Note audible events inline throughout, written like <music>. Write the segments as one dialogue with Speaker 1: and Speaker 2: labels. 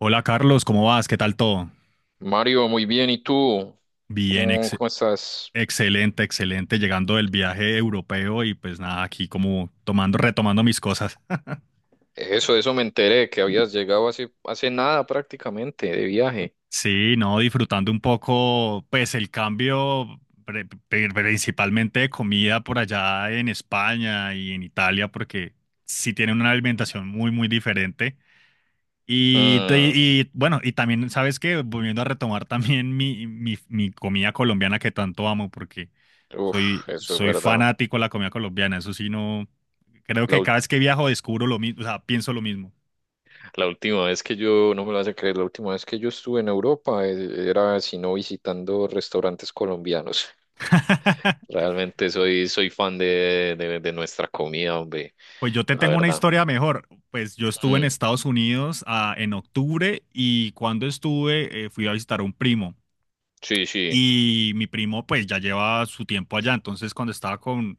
Speaker 1: Hola Carlos, ¿cómo vas? ¿Qué tal todo?
Speaker 2: Mario, muy bien. ¿Y tú?
Speaker 1: Bien,
Speaker 2: ¿Cómo, cómo estás?
Speaker 1: excelente, excelente, llegando del viaje europeo y pues nada, aquí como tomando, retomando mis cosas.
Speaker 2: Eso me enteré, que habías llegado hace nada prácticamente de viaje.
Speaker 1: Sí, no, disfrutando un poco, pues el cambio principalmente de comida por allá en España y en Italia, porque sí tienen una alimentación muy, muy diferente. Y, te-
Speaker 2: Mm,
Speaker 1: y bueno, y también, ¿sabes qué? Volviendo a retomar también mi comida colombiana que tanto amo, porque soy,
Speaker 2: uf, eso es
Speaker 1: soy
Speaker 2: verdad.
Speaker 1: fanático de la comida colombiana. Eso sí, no, creo
Speaker 2: La,
Speaker 1: que
Speaker 2: ul-
Speaker 1: cada vez que viajo descubro lo mismo, o sea, pienso lo mismo.
Speaker 2: la última vez que yo, no me lo vas a creer, la última vez que yo estuve en Europa era, si no, visitando restaurantes colombianos. <laughs>
Speaker 1: <laughs>
Speaker 2: Realmente soy fan de nuestra comida, hombre,
Speaker 1: Pues yo te
Speaker 2: la
Speaker 1: tengo una
Speaker 2: verdad.
Speaker 1: historia mejor. Pues yo estuve en
Speaker 2: Mm,
Speaker 1: Estados Unidos en octubre y cuando estuve fui a visitar a un primo
Speaker 2: sí, sí.
Speaker 1: y mi primo pues ya lleva su tiempo allá. Entonces cuando estaba con,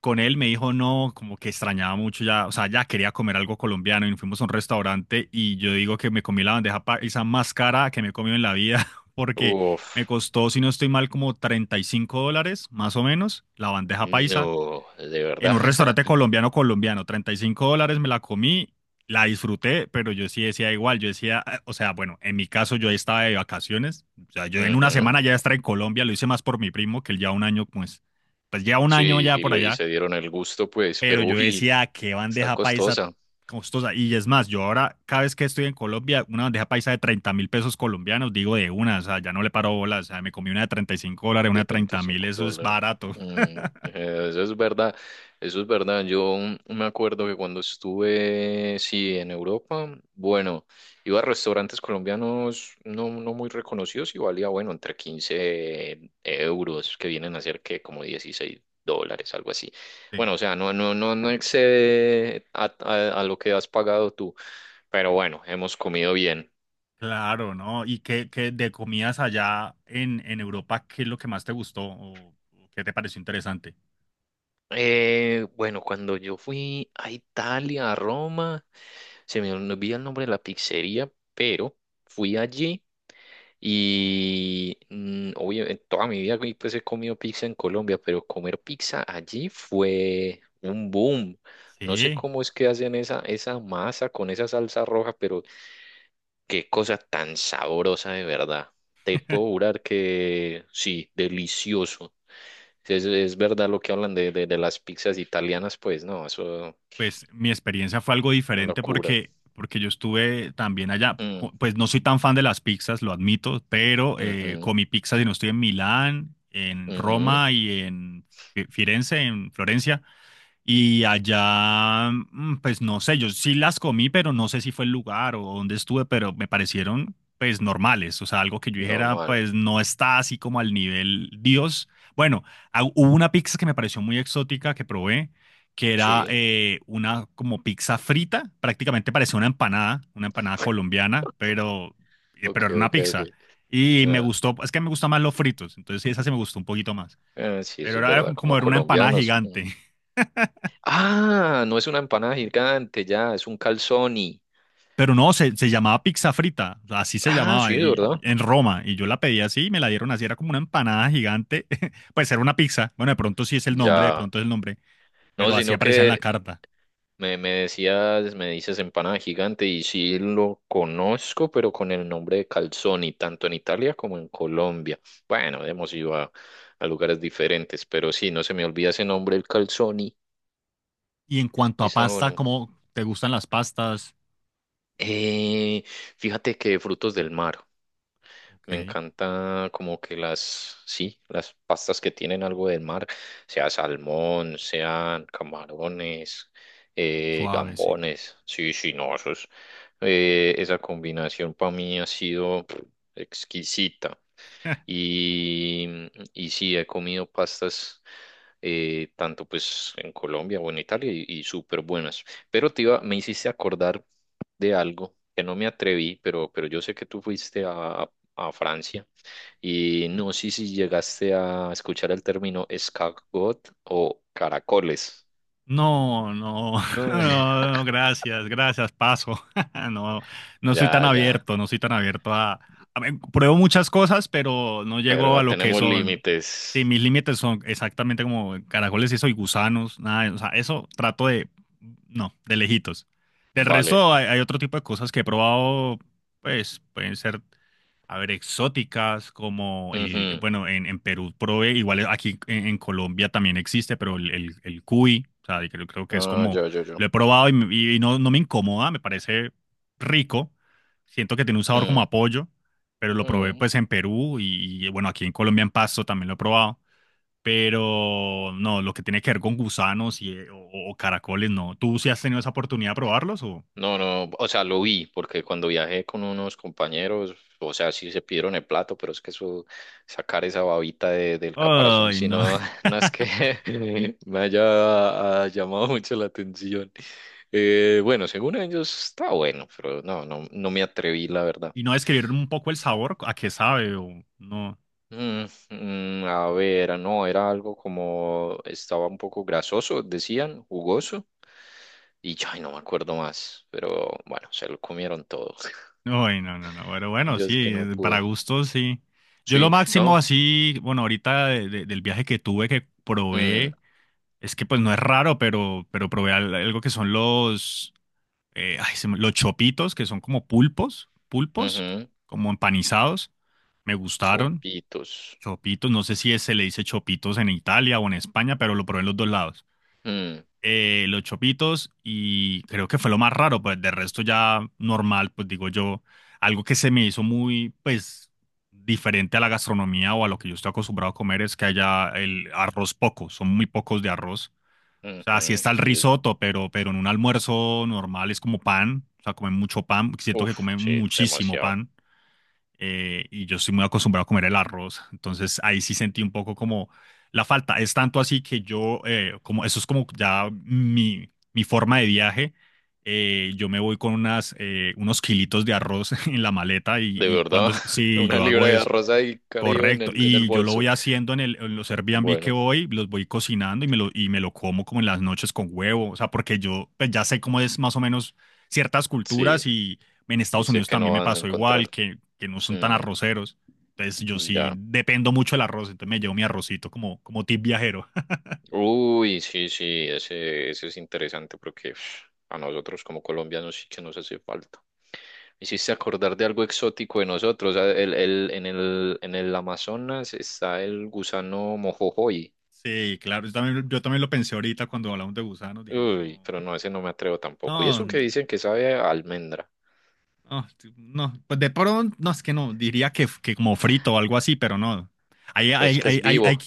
Speaker 1: con él me dijo no, como que extrañaba mucho ya, o sea, ya quería comer algo colombiano y fuimos a un restaurante y yo digo que me comí la bandeja paisa más cara que me he comido en la vida <laughs> porque me
Speaker 2: Uf,
Speaker 1: costó, si no estoy mal, como $35 más o menos la bandeja paisa
Speaker 2: no, de
Speaker 1: en
Speaker 2: verdad.
Speaker 1: un restaurante colombiano colombiano, $35 me la comí, la disfruté, pero yo sí decía igual, yo decía, o sea, bueno, en mi caso yo estaba de vacaciones, o sea,
Speaker 2: <laughs>
Speaker 1: yo en una
Speaker 2: Ujú.
Speaker 1: semana ya estaba en Colombia, lo hice más por mi primo, que él ya un año, pues, pues ya un año
Speaker 2: Sí,
Speaker 1: ya
Speaker 2: y,
Speaker 1: por
Speaker 2: le, y
Speaker 1: allá,
Speaker 2: se dieron el gusto, pues,
Speaker 1: pero
Speaker 2: pero
Speaker 1: yo
Speaker 2: uy,
Speaker 1: decía, qué
Speaker 2: está
Speaker 1: bandeja paisa
Speaker 2: costosa,
Speaker 1: costosa, y es más, yo ahora, cada vez que estoy en Colombia, una bandeja paisa de 30.000 pesos colombianos, digo de una, o sea, ya no le paro bolas, o sea, me comí una de $35, una de
Speaker 2: de 35
Speaker 1: 30 mil, eso es
Speaker 2: dólares.
Speaker 1: barato.
Speaker 2: Mm, eso es verdad, eso es verdad. Yo me acuerdo que cuando estuve, sí, en Europa, bueno, iba a restaurantes colombianos no muy reconocidos y valía, bueno, entre 15 euros, que vienen a ser que como 16 dólares, algo así.
Speaker 1: <laughs> Sí.
Speaker 2: Bueno, o sea, no excede a lo que has pagado tú, pero bueno, hemos comido bien.
Speaker 1: Claro, ¿no? ¿Y qué de comidas allá en Europa, qué es lo que más te gustó o qué te pareció interesante?
Speaker 2: Bueno, cuando yo fui a Italia, a Roma, se me olvida el nombre de la pizzería, pero fui allí y obviamente toda mi vida güey, pues he comido pizza en Colombia, pero comer pizza allí fue un boom. No sé
Speaker 1: Sí,
Speaker 2: cómo es que hacen esa masa con esa salsa roja, pero qué cosa tan sabrosa de verdad. Te puedo jurar que sí, delicioso. Si. Es verdad lo que hablan de las pizzas italianas, pues no, eso
Speaker 1: pues mi experiencia fue algo
Speaker 2: una
Speaker 1: diferente
Speaker 2: locura.
Speaker 1: porque yo estuve también allá.
Speaker 2: Mm,
Speaker 1: Pues no soy tan fan de las pizzas, lo admito, pero
Speaker 2: ujú,
Speaker 1: comí pizzas y no estoy en Milán, en
Speaker 2: ujú,
Speaker 1: Roma y en Firenze, en Florencia. Y allá, pues no sé, yo sí las comí, pero no sé si fue el lugar o dónde estuve, pero me parecieron pues normales, o sea, algo que yo dijera,
Speaker 2: normal,
Speaker 1: pues no está así como al nivel Dios. Bueno, hubo una pizza que me pareció muy exótica que probé, que era
Speaker 2: sí,
Speaker 1: una como pizza frita, prácticamente parecía una empanada colombiana, pero, eh,
Speaker 2: ok,
Speaker 1: pero era una
Speaker 2: ok, ok.
Speaker 1: pizza. Y me
Speaker 2: Ah,
Speaker 1: gustó, es que me gustan más los fritos, entonces esa se me gustó un poquito más.
Speaker 2: ah, sí,
Speaker 1: Pero
Speaker 2: eso es
Speaker 1: era
Speaker 2: verdad,
Speaker 1: como
Speaker 2: como
Speaker 1: era una empanada
Speaker 2: colombianos. Mm.
Speaker 1: gigante.
Speaker 2: Ah, no es una empanada gigante, ya, es un calzoni.
Speaker 1: Pero no, se llamaba pizza frita, así se
Speaker 2: Ah,
Speaker 1: llamaba
Speaker 2: sí, es verdad.
Speaker 1: en Roma. Y yo la pedí así y me la dieron así, era como una empanada gigante. <laughs> Pues era una pizza. Bueno, de pronto sí es el nombre, de
Speaker 2: Ya,
Speaker 1: pronto es el nombre,
Speaker 2: no,
Speaker 1: pero así
Speaker 2: sino
Speaker 1: aparecía en la
Speaker 2: que
Speaker 1: carta.
Speaker 2: me decías, me dices empanada gigante y sí lo conozco, pero con el nombre de calzoni, tanto en Italia como en Colombia. Bueno, hemos ido a lugares diferentes, pero sí, no se me olvida ese nombre, el calzoni.
Speaker 1: Y en cuanto a
Speaker 2: Está
Speaker 1: pasta,
Speaker 2: bueno.
Speaker 1: ¿cómo te gustan las pastas?
Speaker 2: Eh, Fíjate que frutos del mar. Me
Speaker 1: Ok,
Speaker 2: encanta como que sí, las pastas que tienen algo del mar, sea salmón, sean camarones,
Speaker 1: suave, sí.
Speaker 2: gambones. Sí, sí, no, esa combinación para mí ha sido pff, exquisita.
Speaker 1: <laughs>
Speaker 2: Y, y sí, he comido pastas tanto pues en Colombia o en Italia, y súper buenas. Pero me hiciste acordar de algo que no me atreví, pero yo sé que tú fuiste a Francia. Y no sé si llegaste a escuchar el término escargot o caracoles.
Speaker 1: No, no, <laughs>
Speaker 2: No, <laughs>
Speaker 1: no, no, gracias, gracias, paso. <laughs> No, no soy tan
Speaker 2: ya, ya.
Speaker 1: abierto, no soy tan abierto a ver, pruebo muchas cosas, pero no llego
Speaker 2: Pero
Speaker 1: a lo que
Speaker 2: tenemos
Speaker 1: son. Sí,
Speaker 2: límites.
Speaker 1: mis límites son exactamente como caracoles y soy gusanos, nada, o sea, eso trato de, no, de lejitos. Del
Speaker 2: Vale.
Speaker 1: resto hay otro tipo de cosas que he probado, pues pueden ser. A ver, exóticas como el,
Speaker 2: Ujú.
Speaker 1: bueno, en, Perú probé, igual aquí en Colombia también existe, pero el cuy, o sea, creo que es
Speaker 2: Ah,
Speaker 1: como,
Speaker 2: yo, yo, yo.
Speaker 1: lo he probado y no me incomoda, me parece rico, siento que tiene un sabor como
Speaker 2: Mm.
Speaker 1: a pollo, pero lo probé
Speaker 2: Mm.
Speaker 1: pues en Perú y, bueno, aquí en Colombia en Pasto también lo he probado, pero no, lo que tiene que ver con gusanos y, o caracoles, no. ¿Tú sí has tenido esa oportunidad de probarlos o?
Speaker 2: No, no, o sea, lo vi, porque cuando viajé con unos compañeros, o sea, sí se pidieron el plato, pero es que eso, sacar esa babita del caparazón,
Speaker 1: Ay,
Speaker 2: si
Speaker 1: no.
Speaker 2: no, <laughs> no es que
Speaker 1: <laughs>
Speaker 2: <laughs> me haya llamado mucho la atención. Bueno, según ellos está bueno, pero no me atreví, la verdad.
Speaker 1: Y no describir un poco el sabor, a qué sabe o no.
Speaker 2: Mm, mm, a ver, no, era algo como, estaba un poco grasoso, decían, jugoso, y ay, no me acuerdo más, pero bueno, se lo comieron todo. <laughs>
Speaker 1: Uy, no, no, no. Pero bueno,
Speaker 2: Yo es que
Speaker 1: sí,
Speaker 2: no
Speaker 1: para
Speaker 2: pude.
Speaker 1: gustos, sí. Yo lo
Speaker 2: Sí, ¿no?
Speaker 1: máximo así, bueno, ahorita del viaje que tuve que
Speaker 2: Mm,
Speaker 1: probé, es que pues no es raro, pero probé algo que son los, ay, los chopitos, que son como pulpos, pulpos,
Speaker 2: ujú,
Speaker 1: como empanizados. Me gustaron.
Speaker 2: chopitos.
Speaker 1: Chopitos, no sé si se le dice chopitos en Italia o en España, pero lo probé en los dos lados.
Speaker 2: Mm,
Speaker 1: Los chopitos y creo que fue lo más raro, pues de resto ya normal, pues digo yo, algo que se me hizo muy, pues diferente a la gastronomía o a lo que yo estoy acostumbrado a comer es que haya el arroz poco, son muy pocos de arroz. O sea, sí
Speaker 2: ujú,
Speaker 1: está el
Speaker 2: sí,
Speaker 1: risotto, pero en un almuerzo normal es como pan, o sea, comen mucho pan, siento que
Speaker 2: uf,
Speaker 1: comen
Speaker 2: sí,
Speaker 1: muchísimo
Speaker 2: demasiado.
Speaker 1: pan y yo estoy muy acostumbrado a comer el arroz, entonces ahí sí sentí un poco como la falta. Es tanto así que yo, como eso es como ya mi, forma de viaje, yo me voy con unos kilitos de arroz <laughs> en la maleta y,
Speaker 2: De
Speaker 1: y
Speaker 2: verdad,
Speaker 1: cuando,
Speaker 2: <laughs>
Speaker 1: sí,
Speaker 2: una
Speaker 1: yo hago
Speaker 2: libra de
Speaker 1: eso.
Speaker 2: arroz ahí, Caribe, en
Speaker 1: Correcto,
Speaker 2: el, en el
Speaker 1: y yo lo
Speaker 2: bolso.
Speaker 1: voy haciendo en los Airbnb que
Speaker 2: Bueno,
Speaker 1: voy, los voy cocinando y me lo como como en las noches con huevo, o sea, porque yo pues, ya sé cómo es más o menos ciertas culturas
Speaker 2: sí,
Speaker 1: y en
Speaker 2: y
Speaker 1: Estados
Speaker 2: sé
Speaker 1: Unidos
Speaker 2: que
Speaker 1: también
Speaker 2: no
Speaker 1: me
Speaker 2: van a
Speaker 1: pasó igual,
Speaker 2: encontrar.
Speaker 1: que no son tan
Speaker 2: Mm,
Speaker 1: arroceros, entonces yo sí
Speaker 2: ya.
Speaker 1: dependo mucho del arroz, entonces me llevo mi arrocito como, como tip viajero. <laughs>
Speaker 2: Uy, sí, sí, ese es interesante porque uf, a nosotros como colombianos sí que nos hace falta. Me hiciste acordar de algo exótico de nosotros. En el Amazonas está el gusano mojojoy.
Speaker 1: Sí, claro, yo también lo pensé ahorita cuando hablamos de gusanos, dije,
Speaker 2: Uy,
Speaker 1: no,
Speaker 2: pero no, ese no me atrevo tampoco. Y
Speaker 1: no.
Speaker 2: eso que dicen que sabe a almendra,
Speaker 1: Ah, sí, no, pues de pronto, no, es que no, diría que como frito o algo así, pero no. Hay,
Speaker 2: pues es
Speaker 1: hay,
Speaker 2: que
Speaker 1: hay,
Speaker 2: es
Speaker 1: hay, hay-
Speaker 2: vivo.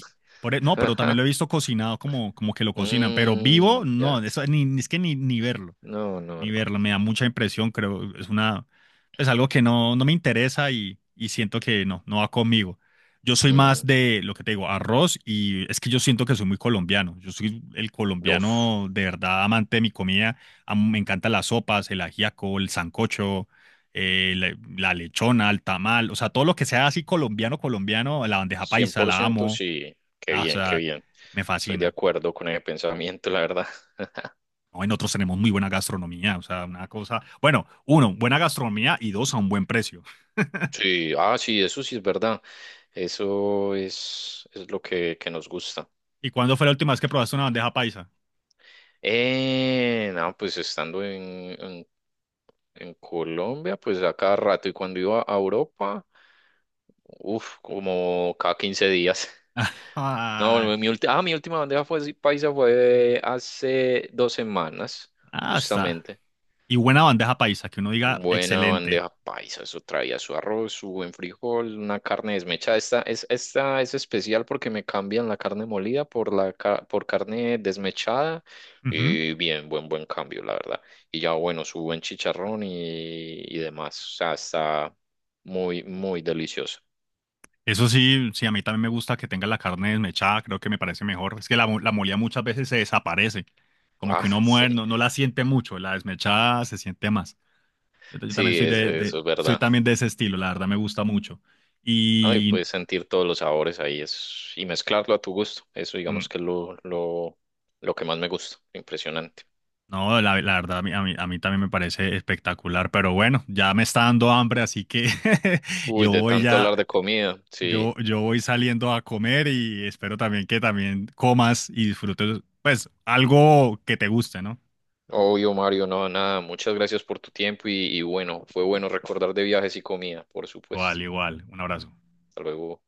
Speaker 1: no, pero también lo
Speaker 2: <laughs>
Speaker 1: he visto cocinado como que lo cocinan, pero vivo,
Speaker 2: Mm,
Speaker 1: no,
Speaker 2: ya.
Speaker 1: eso ni, es que ni verlo
Speaker 2: No, no,
Speaker 1: ni
Speaker 2: no.
Speaker 1: verla, me da mucha impresión, creo, es una, es algo que no me interesa y siento que no va conmigo. Yo soy
Speaker 2: Mm,
Speaker 1: más de lo que te digo, arroz y es que yo siento que soy muy colombiano. Yo soy el
Speaker 2: uf,
Speaker 1: colombiano de verdad amante de mi comida. Me encantan las sopas, el ajiaco, el sancocho, la lechona, el tamal, o sea, todo lo que sea así colombiano, colombiano, la bandeja
Speaker 2: cien
Speaker 1: paisa,
Speaker 2: por
Speaker 1: la
Speaker 2: ciento
Speaker 1: amo.
Speaker 2: sí. Qué
Speaker 1: Ah, o
Speaker 2: bien, qué
Speaker 1: sea,
Speaker 2: bien.
Speaker 1: me
Speaker 2: Estoy de
Speaker 1: fascina.
Speaker 2: acuerdo con ese pensamiento, la verdad. <laughs>
Speaker 1: No, en otros tenemos muy buena gastronomía, o sea, una cosa. Bueno, uno, buena gastronomía y dos, a un buen precio.
Speaker 2: Sí, ah, sí, eso sí es verdad. Eso es lo que nos gusta.
Speaker 1: ¿Y cuándo fue la última vez que probaste una bandeja paisa?
Speaker 2: No, pues estando en Colombia, pues a cada rato. Y cuando iba a Europa, uf, como cada 15 días. <laughs> No,
Speaker 1: <laughs>
Speaker 2: mi última bandeja fue, sí, paisa fue hace 2 semanas,
Speaker 1: Ah, está.
Speaker 2: justamente.
Speaker 1: Y buena bandeja paisa, que uno diga
Speaker 2: Buena
Speaker 1: excelente.
Speaker 2: bandeja paisa, eso traía su arroz, su buen frijol, una carne desmechada. Esta es especial porque me cambian la carne molida por carne desmechada.
Speaker 1: Ujú.
Speaker 2: Y bien, buen cambio, la verdad. Y ya, bueno, su buen chicharrón y demás. O sea, está muy, muy delicioso. <laughs>
Speaker 1: Eso sí, sí, a mí también me gusta que tenga la carne desmechada, creo que me parece mejor. Es que la, la molida muchas veces se desaparece, como
Speaker 2: Ah,
Speaker 1: que uno
Speaker 2: sí.
Speaker 1: muere, no, no la siente mucho, la desmechada se siente más. Yo también
Speaker 2: Sí,
Speaker 1: soy de,
Speaker 2: eso es
Speaker 1: soy
Speaker 2: verdad.
Speaker 1: también de ese estilo, la verdad me gusta mucho.
Speaker 2: ¿No? Y
Speaker 1: Y
Speaker 2: puedes sentir todos los sabores ahí es, y mezclarlo a tu gusto. Eso
Speaker 1: mm,
Speaker 2: digamos que es lo que más me gusta. Impresionante.
Speaker 1: No, la verdad, a mí, a mí, a mí también me parece espectacular, pero bueno, ya me está dando hambre, así que <laughs>
Speaker 2: Uy,
Speaker 1: yo
Speaker 2: de
Speaker 1: voy
Speaker 2: tanto
Speaker 1: ya,
Speaker 2: hablar de comida. Sí.
Speaker 1: yo voy saliendo a comer y espero también que también comas y disfrutes, pues, algo que te guste, ¿no?
Speaker 2: Obvio, Mario, no, nada. Muchas gracias por tu tiempo y bueno, fue bueno recordar de viajes y comida, por
Speaker 1: Igual,
Speaker 2: supuesto.
Speaker 1: igual, un abrazo.
Speaker 2: Hasta luego.